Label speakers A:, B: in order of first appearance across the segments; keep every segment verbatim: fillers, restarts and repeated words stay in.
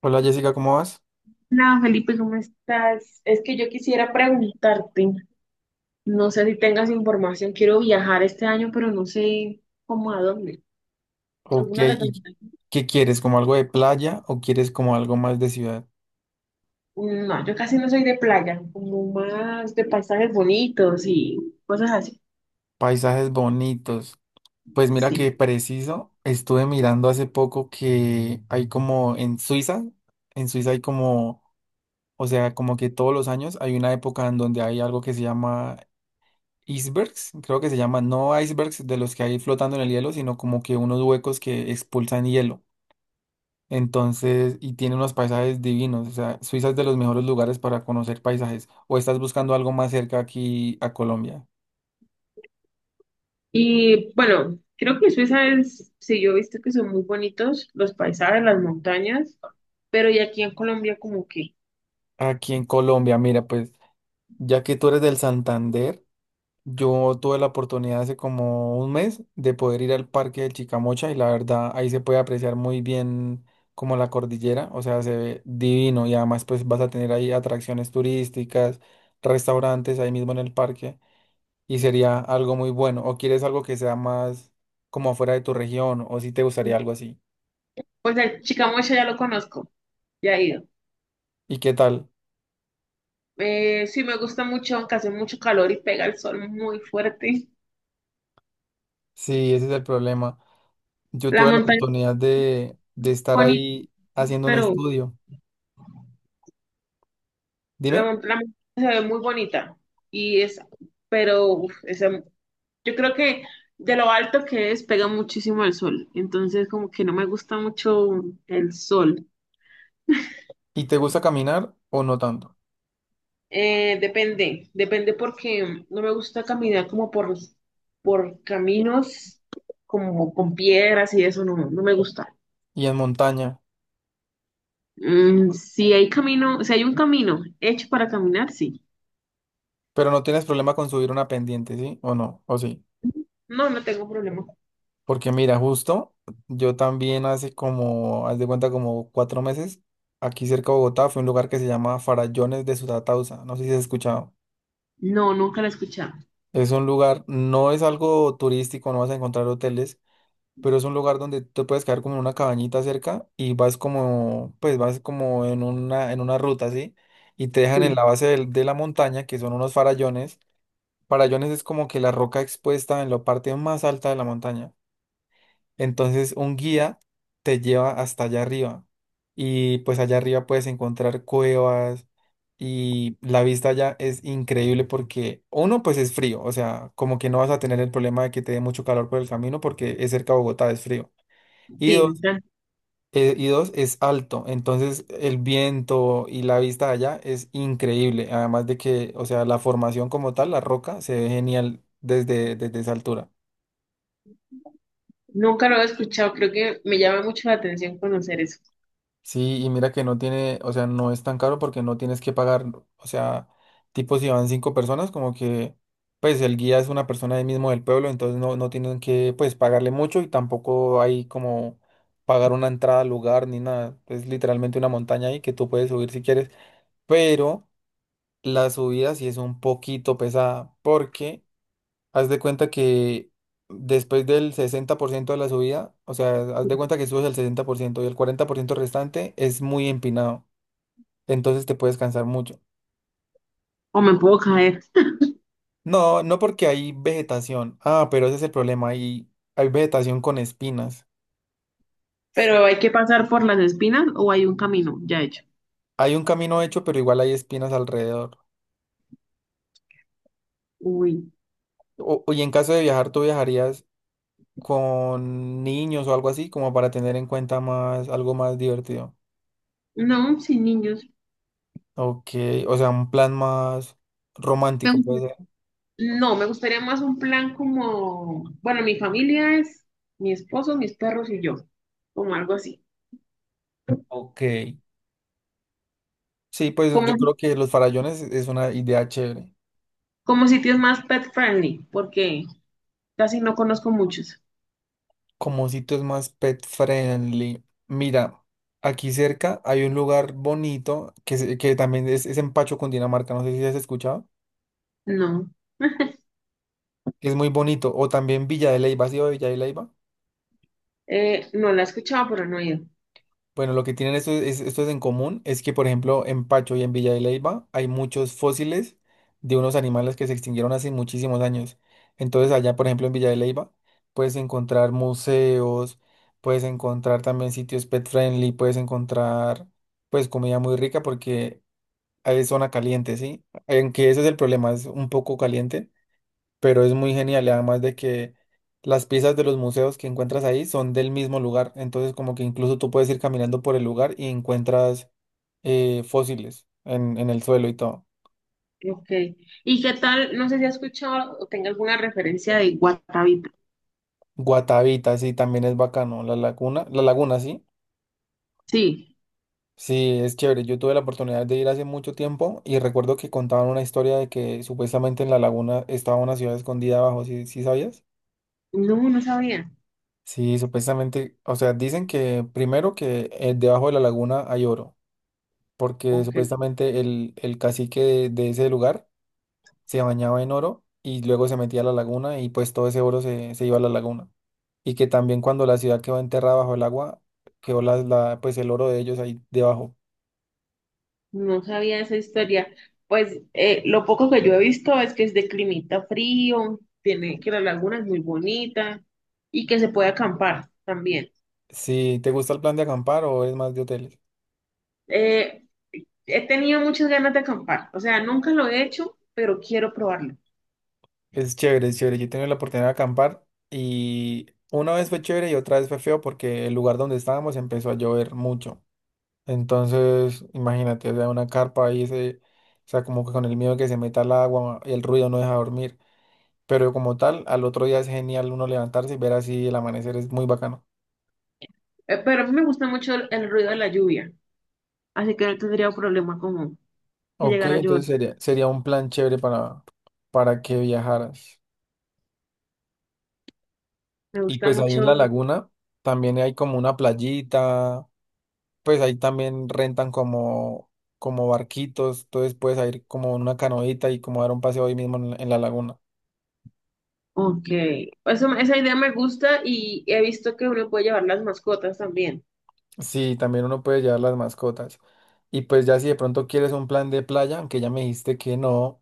A: Hola Jessica, ¿cómo vas?
B: Hola Felipe, ¿cómo estás? Es que yo quisiera preguntarte, no sé si tengas información, quiero viajar este año, pero no sé cómo a dónde.
A: Ok,
B: ¿Alguna
A: ¿y
B: recomendación?
A: qué quieres? ¿Como algo de playa o quieres como algo más de ciudad?
B: No, yo casi no soy de playa, como más de paisajes bonitos y cosas así.
A: Paisajes bonitos. Pues mira
B: Sí.
A: que preciso, estuve mirando hace poco que hay como en Suiza, en Suiza hay como, o sea, como que todos los años hay una época en donde hay algo que se llama icebergs, creo que se llama, no icebergs de los que hay flotando en el hielo, sino como que unos huecos que expulsan hielo. Entonces, y tiene unos paisajes divinos, o sea, Suiza es de los mejores lugares para conocer paisajes. ¿O estás buscando algo más cerca aquí a Colombia?
B: Y bueno, creo que Suiza es, sí, yo he visto que son muy bonitos los paisajes, las montañas, pero y aquí en Colombia como que,
A: Aquí en Colombia, mira, pues ya que tú eres del Santander, yo tuve la oportunidad hace como un mes de poder ir al Parque de Chicamocha y la verdad ahí se puede apreciar muy bien como la cordillera, o sea, se ve divino y además pues vas a tener ahí atracciones turísticas, restaurantes ahí mismo en el parque. Y sería algo muy bueno. ¿O quieres algo que sea más como afuera de tu región? ¿O si te gustaría algo así?
B: pues el Chicamocha ya lo conozco, ya he ido.
A: ¿Y qué tal?
B: Eh, sí, me gusta mucho, aunque hace mucho calor y pega el sol muy fuerte.
A: Sí, ese es el problema. Yo
B: La
A: tuve la
B: montaña es
A: oportunidad de, de estar
B: bonita,
A: ahí haciendo un
B: pero
A: estudio.
B: la,
A: Dime,
B: mon- la montaña se ve muy bonita. Y es, pero uf, esa- yo creo que de lo alto que es, pega muchísimo el sol. Entonces, como que no me gusta mucho el sol.
A: ¿y te gusta caminar o no tanto?
B: Eh, depende, depende porque no me gusta caminar como por, por caminos, como con piedras y eso, no, no me gusta.
A: Y en montaña,
B: Mm, si hay camino, si hay un camino hecho para caminar, sí.
A: pero no tienes problema con subir una pendiente, ¿sí? ¿O no? ¿O sí?
B: No, no tengo problema.
A: Porque mira, justo yo también hace como, haz de cuenta, como cuatro meses, aquí cerca de Bogotá, fue un lugar que se llama Farallones de Sutatausa. No sé si has escuchado.
B: No, nunca lo he escuchado.
A: Es un lugar, no es algo turístico, no vas a encontrar hoteles, pero es un lugar donde te puedes quedar como en una cabañita cerca y vas como, pues vas como en una, en una ruta, ¿sí? Y te dejan en
B: Sí,
A: la base del- de, la montaña, que son unos farallones. Farallones es como que la roca expuesta en la parte más alta de la montaña. Entonces un guía te lleva hasta allá arriba y pues allá arriba puedes encontrar cuevas y la vista allá es increíble porque uno pues es frío, o sea, como que no vas a tener el problema de que te dé mucho calor por el camino porque es cerca a Bogotá, es frío. Y
B: sí,
A: dos,
B: nunca,
A: eh, y dos es alto, entonces el viento y la vista allá es increíble, además de que, o sea, la formación como tal, la roca, se ve genial desde, desde esa altura.
B: nunca lo he escuchado. Creo que me llama mucho la atención conocer eso.
A: Sí, y mira que no tiene, o sea, no es tan caro porque no tienes que pagar, o sea, tipo si van cinco personas, como que, pues el guía es una persona ahí mismo del pueblo, entonces no, no tienen que, pues, pagarle mucho y tampoco hay como pagar una entrada al lugar ni nada. Es literalmente una montaña ahí que tú puedes subir si quieres, pero la subida sí es un poquito pesada porque haz de cuenta que después del sesenta por ciento de la subida, o sea, haz de cuenta que subes el sesenta por ciento y el cuarenta por ciento restante es muy empinado. Entonces te puedes cansar mucho.
B: O me puedo caer.
A: No, no porque hay vegetación. Ah, pero ese es el problema. Hay, hay vegetación con espinas.
B: Pero hay que pasar por las espinas o hay un camino ya hecho.
A: Hay un camino hecho, pero igual hay espinas alrededor.
B: Uy,
A: O, y en caso de viajar, ¿tú viajarías con niños o algo así, como para tener en cuenta más, algo más divertido?
B: no, sin niños.
A: Ok, o sea, un plan más romántico puede ser.
B: No, me gustaría más un plan como, bueno, mi familia es mi esposo, mis perros y yo, como algo así.
A: Ok. Sí, pues
B: Como,
A: yo creo que los farallones es una idea chévere.
B: como sitios más pet friendly, porque casi no conozco muchos.
A: Como sitios más pet friendly. Mira, aquí cerca hay un lugar bonito que, se- que también es, es en Pacho, Cundinamarca. No sé si has escuchado.
B: No,
A: Es muy bonito. O también Villa de Leyva. ¿Sí, ido Villa de Leyva?
B: eh, no la he escuchado, pero no he ido.
A: Bueno, lo que tienen estos, es- estos en común es que, por ejemplo, en Pacho y en Villa de Leyva hay muchos fósiles de unos animales que se extinguieron hace muchísimos años. Entonces, allá, por ejemplo, en Villa de Leyva, puedes encontrar museos, puedes encontrar también sitios pet friendly, puedes encontrar, pues, comida muy rica porque hay zona caliente, ¿sí? Aunque ese es el problema, es un poco caliente pero es muy genial y además de que las piezas de los museos que encuentras ahí son del mismo lugar, entonces como que incluso tú puedes ir caminando por el lugar y encuentras eh, fósiles en, en el suelo y todo.
B: Ok. ¿Y qué tal? No sé si has escuchado o tenga alguna referencia de Guatavita.
A: Guatavita, sí, también es bacano. La laguna, la laguna, sí.
B: Sí,
A: Sí, es chévere. Yo tuve la oportunidad de ir hace mucho tiempo y recuerdo que contaban una historia de que supuestamente en la laguna estaba una ciudad escondida abajo, ¿sí, sí sabías?
B: no, no sabía.
A: Sí, supuestamente, o sea, dicen que primero que eh, debajo de la laguna hay oro, porque
B: Ok.
A: supuestamente el, el cacique de, de ese lugar se bañaba en oro y luego se metía a la laguna y pues todo ese oro se, se iba a la laguna. Y que también cuando la ciudad quedó enterrada bajo el agua, quedó la, la- pues el oro de ellos ahí debajo.
B: No sabía esa historia. Pues eh, lo poco que yo he visto es que es de climita frío, tiene que la laguna es muy bonita y que se puede acampar también.
A: Si te gusta el plan de acampar o es más de hoteles,
B: Eh, He tenido muchas ganas de acampar, o sea, nunca lo he hecho, pero quiero probarlo.
A: es chévere, es chévere. Yo he tenido la oportunidad de acampar y una vez fue chévere y otra vez fue feo porque el lugar donde estábamos empezó a llover mucho. Entonces, imagínate, o sea, una carpa ahí, se, o sea, como que con el miedo de que se meta el agua, el ruido no deja dormir. Pero como tal, al otro día es genial uno levantarse y ver así el amanecer, es muy bacano.
B: Eh, pero a mí me gusta mucho el, el ruido de la lluvia, así que no tendría problema con que
A: Ok,
B: llegara a llover.
A: entonces sería, sería un plan chévere para, para que viajaras.
B: Me
A: Y
B: gusta
A: pues ahí en
B: mucho.
A: la laguna también hay como una playita, pues ahí también rentan como, como barquitos, entonces puedes ir como en una canoita y como dar un paseo ahí mismo en la en la laguna.
B: Ok. Eso, esa idea me gusta y he visto que uno puede llevar las mascotas también.
A: Sí, también uno puede llevar las mascotas. Y pues ya si de pronto quieres un plan de playa, aunque ya me dijiste que no,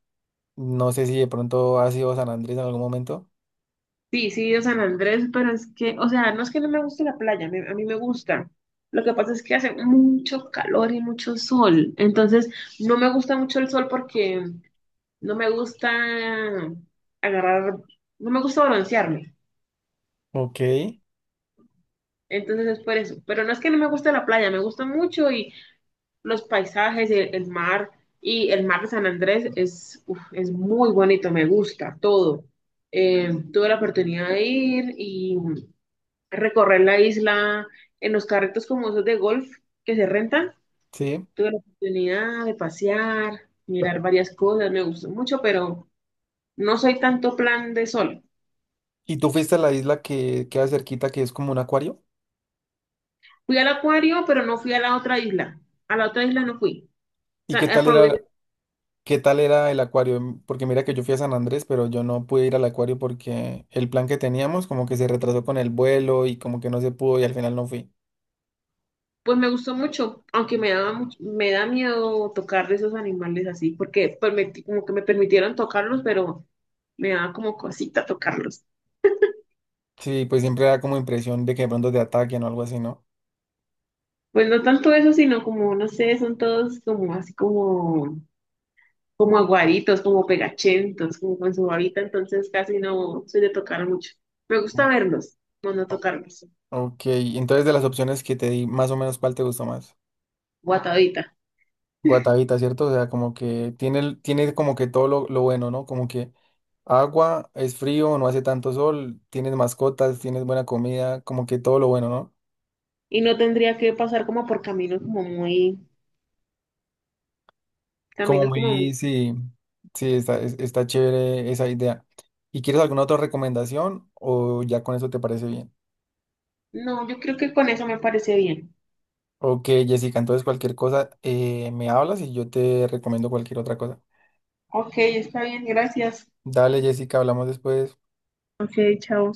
A: no sé si de pronto has ido a San Andrés en algún momento.
B: Sí, sí, he ido a San Andrés, pero es que, o sea, no es que no me guste la playa, me- a mí me gusta. Lo que pasa es que hace mucho calor y mucho sol, entonces no me gusta mucho el sol porque no me gusta agarrar, no me gusta broncearme.
A: Ok,
B: Entonces es por eso. Pero no es que no me guste la playa, me gusta mucho y los paisajes, el, el mar y el mar de San Andrés es, uf, es muy bonito, me gusta todo. Eh, tuve la oportunidad de ir y recorrer la isla en los carritos como esos de golf que se rentan.
A: sí.
B: Tuve la oportunidad de pasear, mirar varias cosas, me gustó mucho, pero no soy tanto plan de sol.
A: ¿Y tú fuiste a la isla que queda cerquita, que es como un acuario?
B: Fui al acuario, pero no fui a la otra isla. A la otra isla no fui. O
A: ¿Y
B: sea,
A: qué tal
B: aprobé,
A: era, qué tal era el acuario? Mm, Porque mira que yo fui a San Andrés, pero yo no pude ir al acuario porque el plan que teníamos como que se retrasó con el vuelo y como que no se pudo y al final no fui.
B: pues me gustó mucho, aunque me daba mucho, me da miedo tocar de esos animales así, porque permití- como que me permitieron tocarlos, pero me daba como cosita tocarlos.
A: Sí, pues siempre da como impresión de que de pronto te ataquen o algo así, ¿no?
B: Pues no tanto eso, sino como, no sé, son todos como así como, como aguaditos, como pegachentos, como con su babita, entonces casi no soy de tocar mucho. Me gusta verlos, no no tocarlos,
A: Ok, entonces de las opciones que te di, más o menos, ¿cuál te gustó más?
B: guatadita.
A: Guatavita, ¿cierto? O sea, como que tiene, el- tiene como que todo lo, lo bueno, ¿no? Como que agua, es frío, no hace tanto sol, tienes mascotas, tienes buena comida, como que todo lo bueno, ¿no?
B: Y no tendría que pasar como por caminos como muy También
A: Como
B: es como,
A: muy, sí, sí, está, es- está chévere esa idea. ¿Y quieres alguna otra recomendación o ya con eso te parece bien?
B: no, yo creo que con eso me parece bien.
A: Ok, Jessica, entonces cualquier cosa eh, me hablas y yo te recomiendo cualquier otra cosa.
B: Ok, está bien, gracias.
A: Dale, Jessica, hablamos después.
B: Ok, chao.